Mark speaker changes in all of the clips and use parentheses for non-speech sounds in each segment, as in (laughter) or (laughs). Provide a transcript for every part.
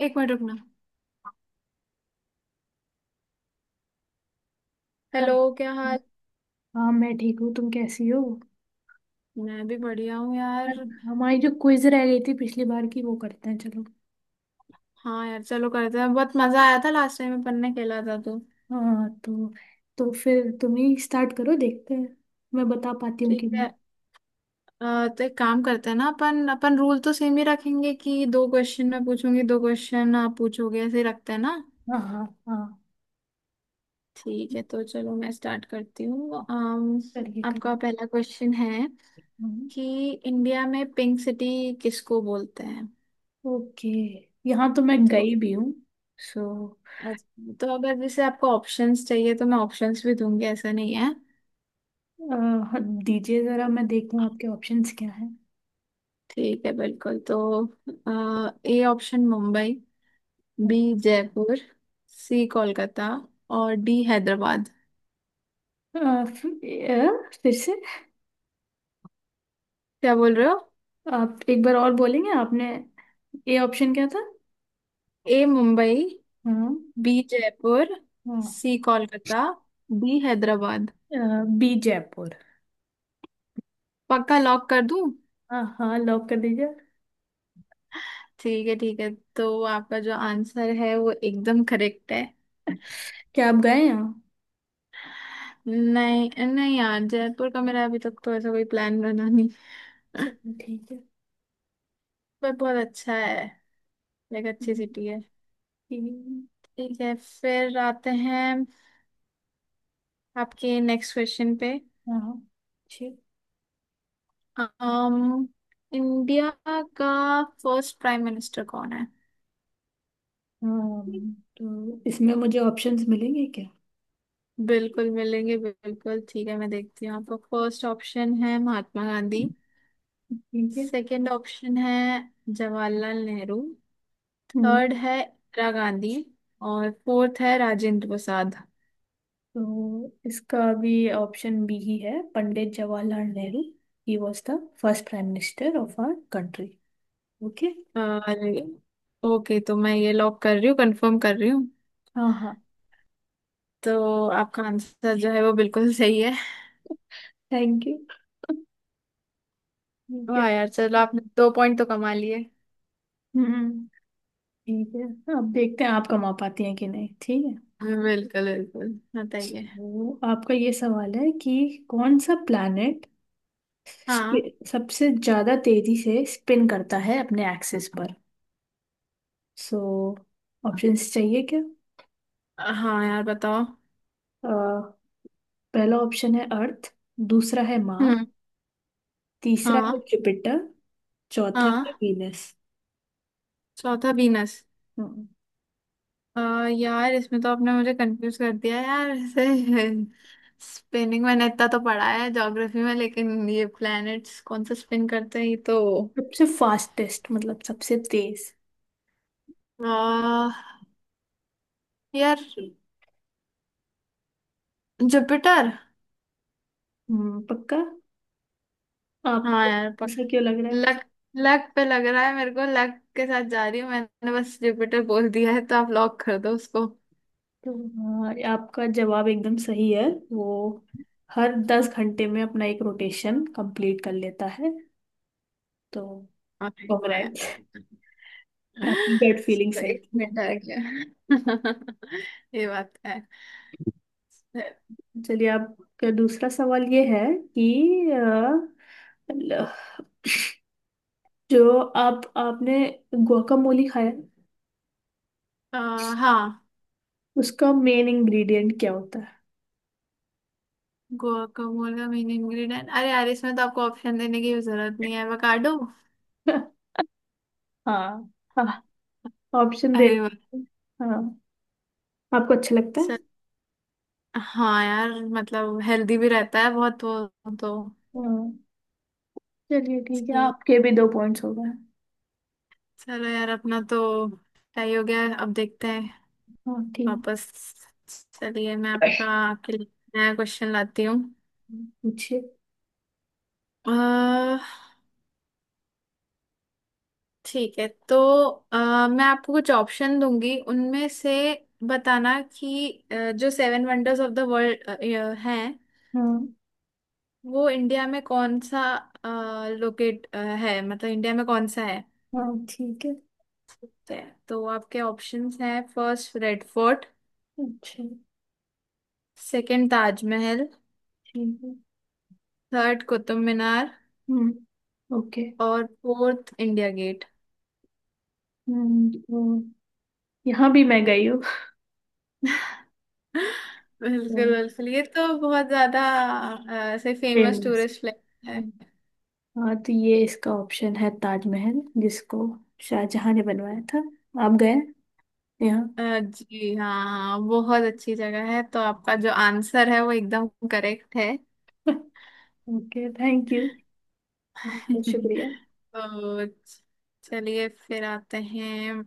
Speaker 1: एक मिनट रुकना। हेलो।
Speaker 2: हाँ,
Speaker 1: क्या हाल?
Speaker 2: हाँ, मैं ठीक हूँ। तुम कैसी हो?
Speaker 1: मैं भी बढ़िया हूँ यार।
Speaker 2: हमारी जो क्विज रह गई थी पिछली बार की वो करते हैं चलो।
Speaker 1: हाँ यार चलो करते हैं, बहुत मजा आया था लास्ट टाइम अपन ने खेला था तो।
Speaker 2: हाँ, तो फिर तुम ही स्टार्ट करो, देखते हैं मैं बता पाती हूँ
Speaker 1: ठीक
Speaker 2: कि नहीं।
Speaker 1: है। तो एक काम करते हैं ना, अपन अपन रूल तो सेम ही रखेंगे, कि दो क्वेश्चन मैं पूछूंगी, दो क्वेश्चन आप पूछोगे, ऐसे ही रखते हैं ना।
Speaker 2: हाँ, हाँ, हाँ।
Speaker 1: ठीक है तो चलो मैं स्टार्ट करती हूँ।
Speaker 2: करिए,
Speaker 1: आपका
Speaker 2: करिए।
Speaker 1: पहला क्वेश्चन है
Speaker 2: हम्म,
Speaker 1: कि इंडिया में पिंक सिटी किसको बोलते हैं।
Speaker 2: ओके, यहाँ तो मैं
Speaker 1: तो
Speaker 2: गई भी हूँ। सो,
Speaker 1: तो अगर जैसे आपको ऑप्शंस चाहिए तो मैं ऑप्शंस भी दूंगी, ऐसा नहीं है।
Speaker 2: दीजिए जरा मैं देखूँ आपके ऑप्शंस क्या हैं।
Speaker 1: ठीक है बिल्कुल। तो A option Mumbai. B Jaipur. C Kolkata. और डी हैदराबाद।
Speaker 2: फिर से
Speaker 1: क्या बोल रहे हो?
Speaker 2: आप एक बार और बोलेंगे? आपने, ए ऑप्शन क्या था?
Speaker 1: ए मुंबई।
Speaker 2: हाँ।
Speaker 1: बी जयपुर।
Speaker 2: हाँ,
Speaker 1: C Kolkata. D Hyderabad.
Speaker 2: B Jaipur.
Speaker 1: पक्का लॉक कर दूं?
Speaker 2: हाँ, हाँ, लॉक कर दीजिए।
Speaker 1: ठीक है, ठीक है। तो आपका जो आंसर है वो एकदम करेक्ट है।
Speaker 2: क्या आप गए हैं?
Speaker 1: नहीं नहीं यार, जयपुर का मेरा अभी तक तो ऐसा कोई प्लान बना नहीं। (laughs)
Speaker 2: चलो, ठीक है।
Speaker 1: पर बहुत अच्छा है। Like
Speaker 2: B.
Speaker 1: अच्छी सिटी है।
Speaker 2: तीन।
Speaker 1: ठीक है, फिर आते हैं आपके नेक्स्ट क्वेश्चन पे।
Speaker 2: हाँ, छः।
Speaker 1: um, इंडिया का फर्स्ट प्राइम मिनिस्टर कौन है?
Speaker 2: तो इसमें मुझे ऑप्शंस मिलेंगे क्या?
Speaker 1: बिल्कुल मिलेंगे, बिल्कुल ठीक है, मैं देखती हूँ। आपका फर्स्ट ऑप्शन है महात्मा गांधी।
Speaker 2: ठीक है।
Speaker 1: सेकंड ऑप्शन है जवाहरलाल नेहरू।
Speaker 2: हम्म,
Speaker 1: थर्ड है इंदिरा गांधी। और फोर्थ है राजेंद्र प्रसाद।
Speaker 2: तो इसका भी ऑप्शन बी ही है, पंडित जवाहरलाल नेहरू। ही was the first prime minister of our country. Okay.
Speaker 1: और ओके, तो मैं ये लॉक कर रही हूँ, कंफर्म कर रही हूँ।
Speaker 2: हाँ, हाँ।
Speaker 1: तो आपका आंसर जो है वो बिल्कुल सही है।
Speaker 2: Thank you. ठीक है।
Speaker 1: वाह यार, चलो आपने 2 पॉइंट तो कमा लिए।
Speaker 2: हम्म। ठीक है, अब देखते हैं आप कमा पाती हैं कि नहीं। ठीक है,
Speaker 1: बिल्कुल बिल्कुल, बताइए।
Speaker 2: तो आपका ये सवाल है कि कौन सा प्लैनेट
Speaker 1: हाँ,
Speaker 2: सबसे ज्यादा तेजी से स्पिन करता है अपने एक्सिस पर। सो, ऑप्शंस चाहिए क्या?
Speaker 1: हाँ यार बताओ।
Speaker 2: अ, पहला ऑप्शन है अर्थ। दूसरा है मार।
Speaker 1: हम्म।
Speaker 2: तीसरा है
Speaker 1: हाँ।
Speaker 2: जुपिटर। चौथा है
Speaker 1: हाँ।
Speaker 2: वीनस।
Speaker 1: चौथा बीनस।
Speaker 2: हम्म,
Speaker 1: यार इसमें तो आपने मुझे कंफ्यूज कर दिया यार (laughs) ऐसे। स्पिनिंग मैंने इतना तो पढ़ा है ज्योग्राफी में, लेकिन ये प्लैनेट्स कौन सा स्पिन करते हैं ये तो।
Speaker 2: सबसे फास्टेस्ट, मतलब सबसे तेज।
Speaker 1: आ, यार जुपिटर।
Speaker 2: पक्का?
Speaker 1: हाँ
Speaker 2: आपको
Speaker 1: यार
Speaker 2: ऐसा क्यों लग रहा है?
Speaker 1: लक। लक पे लग रहा है, मेरे को लक के साथ जा रही हूँ, मैंने बस जुपिटर बोल दिया है तो आप लॉक कर दो उसको।
Speaker 2: तो आपका जवाब एकदम सही है। वो हर 10 घंटे में अपना एक रोटेशन कंप्लीट कर लेता है, तो
Speaker 1: हाँ, ठीक है
Speaker 2: कॉन्ग्रेट।
Speaker 1: यार।
Speaker 2: आपकी गट
Speaker 1: (laughs)
Speaker 2: फीलिंग सही
Speaker 1: सॉरी
Speaker 2: थी।
Speaker 1: बेटा आ गया। (laughs) ये बात है।
Speaker 2: चलिए आपका दूसरा सवाल ये है कि जो आप आपने guacamole खाया,
Speaker 1: अ, हाँ।
Speaker 2: उसका मेन इंग्रेडिएंट क्या होता है?
Speaker 1: गुआकामोल का मेन इंग्रेडिएंट? अरे यार इसमें तो आपको ऑप्शन देने की भी जरूरत नहीं है, एवोकाडो।
Speaker 2: (laughs) हाँ, हाँ। ऑप्शन दे।
Speaker 1: अरे वाह।
Speaker 2: हाँ। आपको अच्छा लगता है?
Speaker 1: सर। हाँ यार। मतलब हेल्दी भी रहता है बहुत वो तो।
Speaker 2: हाँ। चलिए ठीक है,
Speaker 1: ठीक।
Speaker 2: आपके भी दो पॉइंट्स हो गए।
Speaker 1: चलो यार अपना तो तय हो गया, अब देखते हैं
Speaker 2: हाँ, ठीक।
Speaker 1: वापस। चलिए मैं आपका आपके लिए नया क्वेश्चन लाती हूँ।
Speaker 2: पूछिए।
Speaker 1: अ, ठीक है तो अ, मैं आपको कुछ ऑप्शन दूंगी उनमें से बताना कि जो seven wonders of the world हैं
Speaker 2: हाँ,
Speaker 1: वो इंडिया में कौन सा लोकेट है, मतलब इंडिया में कौन सा है।
Speaker 2: हाँ, ठीक है।
Speaker 1: तो तो आपके ऑप्शंस हैं, फर्स्ट रेड फोर्ट।
Speaker 2: अच्छा।
Speaker 1: सेकंड ताजमहल।
Speaker 2: ठीक है।
Speaker 1: थर्ड कुतुब मीनार।
Speaker 2: हम्म, ओके।
Speaker 1: और फोर्थ इंडिया गेट।
Speaker 2: तो यहाँ भी मैं गई
Speaker 1: (laughs) बिल्कुल
Speaker 2: हूँ।
Speaker 1: बिल्कुल, ये तो बहुत ज्यादा ऐसे फेमस
Speaker 2: फेमस।
Speaker 1: टूरिस्ट प्लेस है।
Speaker 2: हम्म। हाँ, तो ये इसका ऑप्शन है ताजमहल, जिसको शाहजहां ने बनवाया था। आप गए यहाँ?
Speaker 1: जी हाँ, हाँ, बहुत अच्छी जगह है। तो आपका जो आंसर है वो एकदम करेक्ट है।
Speaker 2: (laughs) Okay, thank you. बहुत
Speaker 1: (laughs)
Speaker 2: शुक्रिया।
Speaker 1: तो चलिए फिर आते हैं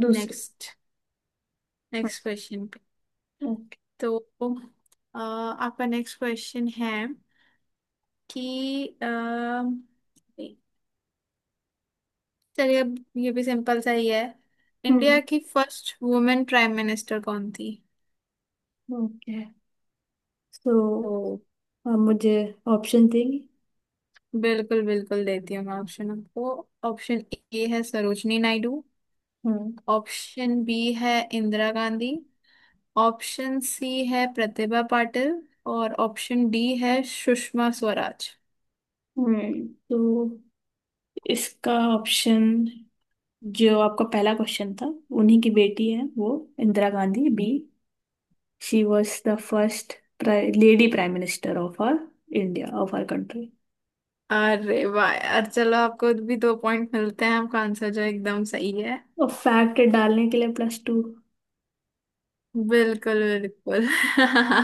Speaker 2: दूसरे।
Speaker 1: नेक्स्ट नेक्स्ट क्वेश्चन पे।
Speaker 2: ओके।
Speaker 1: तो आपका नेक्स्ट क्वेश्चन है कि चलिए अब ये भी सिंपल सा ही है। इंडिया
Speaker 2: हम्म,
Speaker 1: की फर्स्ट वुमेन प्राइम मिनिस्टर कौन थी?
Speaker 2: ओके। तो
Speaker 1: तो
Speaker 2: आप मुझे ऑप्शन देंगे?
Speaker 1: बिल्कुल बिल्कुल, देती हूँ मैं ऑप्शन आपको। ऑप्शन ए है सरोजनी नायडू।
Speaker 2: हम्म।
Speaker 1: ऑप्शन बी है इंदिरा गांधी। ऑप्शन सी है प्रतिभा पाटिल। और ऑप्शन डी है सुषमा स्वराज।
Speaker 2: तो इसका ऑप्शन, जो आपका पहला क्वेश्चन था, उन्हीं की बेटी है वो, Indira Gandhi, B. She was the first lady prime minister of our India, of our country.
Speaker 1: अरे वाह यार, चलो आपको भी 2 पॉइंट मिलते हैं, आपका आंसर जो एकदम सही है।
Speaker 2: और फैक्ट डालने के लिए +2।
Speaker 1: बिल्कुल बिल्कुल। (laughs)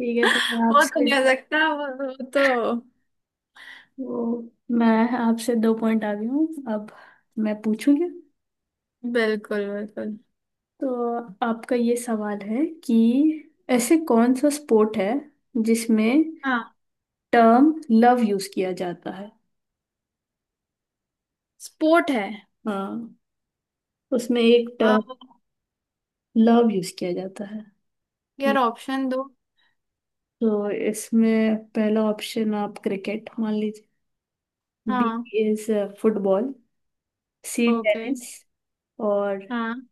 Speaker 2: ठीक है, तो
Speaker 1: वो तो नहीं हो सकता, वो तो।
Speaker 2: वो मैं आपसे दो पॉइंट आ गई हूँ। अब मैं पूछूंगी।
Speaker 1: बिल्कुल बिल्कुल।
Speaker 2: तो आपका ये सवाल है कि ऐसे कौन सा स्पोर्ट है, जिसमें
Speaker 1: हाँ
Speaker 2: टर्म लव यूज किया जाता है?
Speaker 1: स्पोर्ट है।
Speaker 2: हाँ, उसमें एक
Speaker 1: आ,
Speaker 2: टर्म लव यूज किया जाता है
Speaker 1: यार
Speaker 2: कि।
Speaker 1: ऑप्शन दो।
Speaker 2: तो इसमें पहला ऑप्शन आप क्रिकेट मान लीजिए। बी
Speaker 1: हाँ।
Speaker 2: Is football. C
Speaker 1: okay.
Speaker 2: Tennis. और
Speaker 1: हाँ।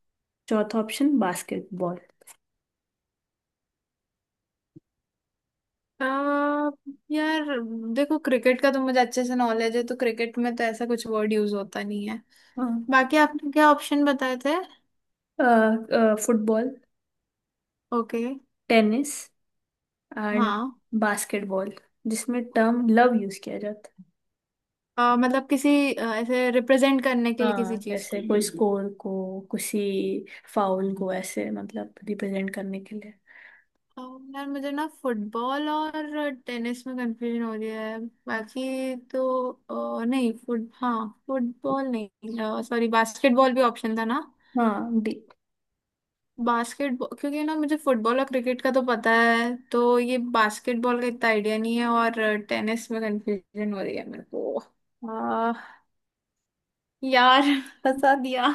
Speaker 2: चौथा ऑप्शन बास्केटबॉल।
Speaker 1: आ, यार देखो क्रिकेट का तो मुझे अच्छे से नॉलेज है, तो क्रिकेट में तो ऐसा कुछ वर्ड यूज होता नहीं है।
Speaker 2: हाँ,
Speaker 1: बाकी आपने क्या ऑप्शन बताए थे?
Speaker 2: Football,
Speaker 1: okay.
Speaker 2: टेनिस एंड
Speaker 1: हाँ।
Speaker 2: बास्केटबॉल, जिसमें टर्म लव यूज किया जाता है।
Speaker 1: मतलब किसी ऐसे रिप्रेजेंट करने के लिए किसी
Speaker 2: हाँ,
Speaker 1: चीज
Speaker 2: जैसे
Speaker 1: को।
Speaker 2: कोई स्कोर को, किसी फाउल को, ऐसे मतलब रिप्रेजेंट करने के लिए।
Speaker 1: आ, यार मुझे ना फुटबॉल और टेनिस में कंफ्यूजन हो रही है। बाकी तो नहीं। फुट हाँ फुटबॉल नहीं, सॉरी, बास्केटबॉल भी ऑप्शन था ना।
Speaker 2: हाँ, डी।
Speaker 1: बास्केटबॉल, क्योंकि ना मुझे फुटबॉल और क्रिकेट का तो पता है, तो ये बास्केटबॉल का इतना आइडिया नहीं है, और टेनिस में कंफ्यूजन हो रही है मेरे को। आ, यार फंसा दिया।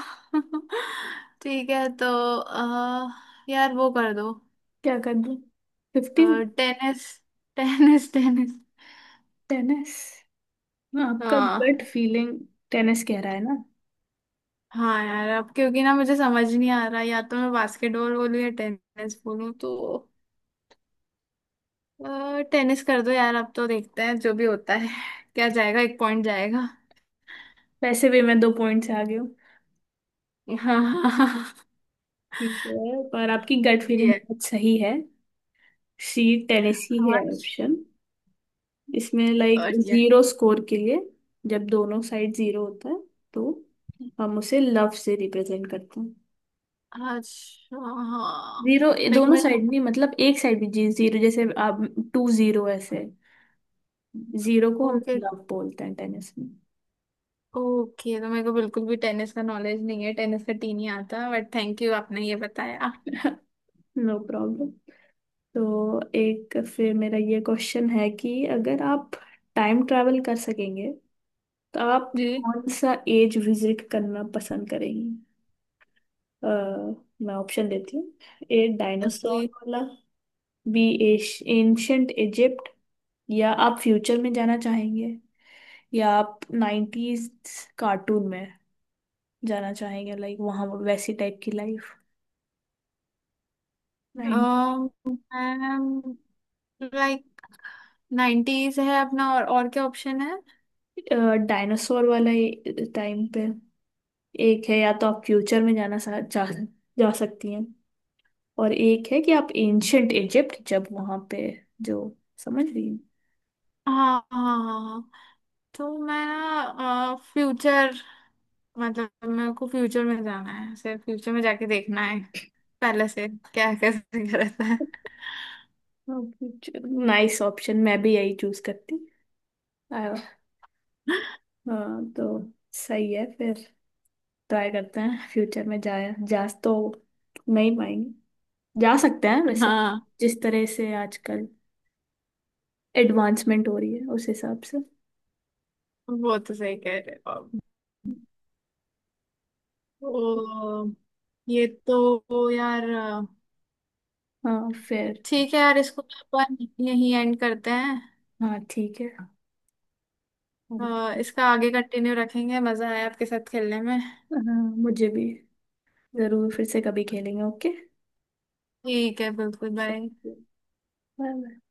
Speaker 1: (laughs) ठीक है तो आ, यार वो कर दो।
Speaker 2: क्या कर दूँ? 50।
Speaker 1: टेनिस। (laughs) Tennis, tennis.
Speaker 2: टेनिस। हाँ, आपका
Speaker 1: हाँ,
Speaker 2: गट फीलिंग टेनिस कह रहा है ना?
Speaker 1: हाँ यार, अब क्योंकि ना मुझे समझ नहीं आ रहा, या तो मैं बास्केटबॉल बोलूँ या टेनिस बोलूँ। तो टेनिस कर दो यार, अब तो देखते हैं जो भी होता है। (laughs) क्या जाएगा, 1 पॉइंट जाएगा।
Speaker 2: वैसे भी मैं दो पॉइंट से आगे हूँ।
Speaker 1: (laughs) हाँ, हाँ, हाँ।
Speaker 2: ठीक है, पर आपकी गट फीलिंग
Speaker 1: ये
Speaker 2: बहुत सही है। सी, टेनिस ही है
Speaker 1: हाथ।
Speaker 2: ऑप्शन। इसमें लाइक
Speaker 1: और ये।
Speaker 2: जीरो स्कोर के लिए, जब दोनों साइड जीरो होता है, तो हम उसे लव से रिप्रेजेंट करते हैं।
Speaker 1: अच्छा हाँ।
Speaker 2: जीरो
Speaker 1: लाइक
Speaker 2: दोनों
Speaker 1: मेरे।
Speaker 2: साइड नहीं, मतलब एक साइड भी जीरो, जैसे आप 2-0 ऐसे। जीरो को हम
Speaker 1: ओके।
Speaker 2: लव बोलते हैं टेनिस में।
Speaker 1: ओके तो मेरे को बिल्कुल भी टेनिस का नॉलेज नहीं है, टेनिस का टी नहीं आता, बट थैंक यू आपने ये बताया।
Speaker 2: (laughs) No problem. तो एक फिर मेरा ये क्वेश्चन है कि अगर आप टाइम ट्रैवल कर सकेंगे, तो आप
Speaker 1: जी।
Speaker 2: कौन सा एज विजिट करना पसंद करेंगे? अ, मैं ऑप्शन देती हूँ। ए,
Speaker 1: जी।
Speaker 2: डायनासोर वाला। B, ancient Egypt. या आप फ्यूचर में जाना चाहेंगे। या आप 90s कार्टून में जाना चाहेंगे, लाइक वहाँ वैसी टाइप की लाइफ। नाइन।
Speaker 1: लाइक 90s है अपना। और क्या ऑप्शन है?
Speaker 2: डायनासोर वाला टाइम पे। एक है या तो आप फ्यूचर में जा सकती हैं। और एक है कि आप एंशंट इजिप्ट, जब वहाँ पे जो, समझ रही हैं?
Speaker 1: हाँ, हाँ, हाँ, हाँ। तो मैं ना फ्यूचर, मतलब मेरे को फ्यूचर में जाना है, सिर्फ फ्यूचर में जाके देखना है पहले से क्या (laughs) कैसे क्या रहता है।
Speaker 2: नाइस ऑप्शन, मैं भी यही चूज करती। आ, हाँ, तो सही है फिर। ट्राई करते हैं फ्यूचर में जाए जा तो नहीं पाएंगे, जा सकते हैं वैसे,
Speaker 1: हाँ
Speaker 2: जिस तरह से आजकल एडवांसमेंट हो रही है उस हिसाब से।
Speaker 1: वो तो सही कह रहे हो आप। तो ये तो यार,
Speaker 2: हाँ, फिर।
Speaker 1: ठीक है यार, इसको अपन यहीं एंड करते हैं।
Speaker 2: हाँ, ठीक है। हाँ,
Speaker 1: इसका आगे कंटिन्यू रखेंगे, मजा आया आपके साथ खेलने में।
Speaker 2: मुझे भी। जरूर फिर से कभी खेलेंगे। ओके,
Speaker 1: ठीक है बिल्कुल, बाय।
Speaker 2: बाय। बाय।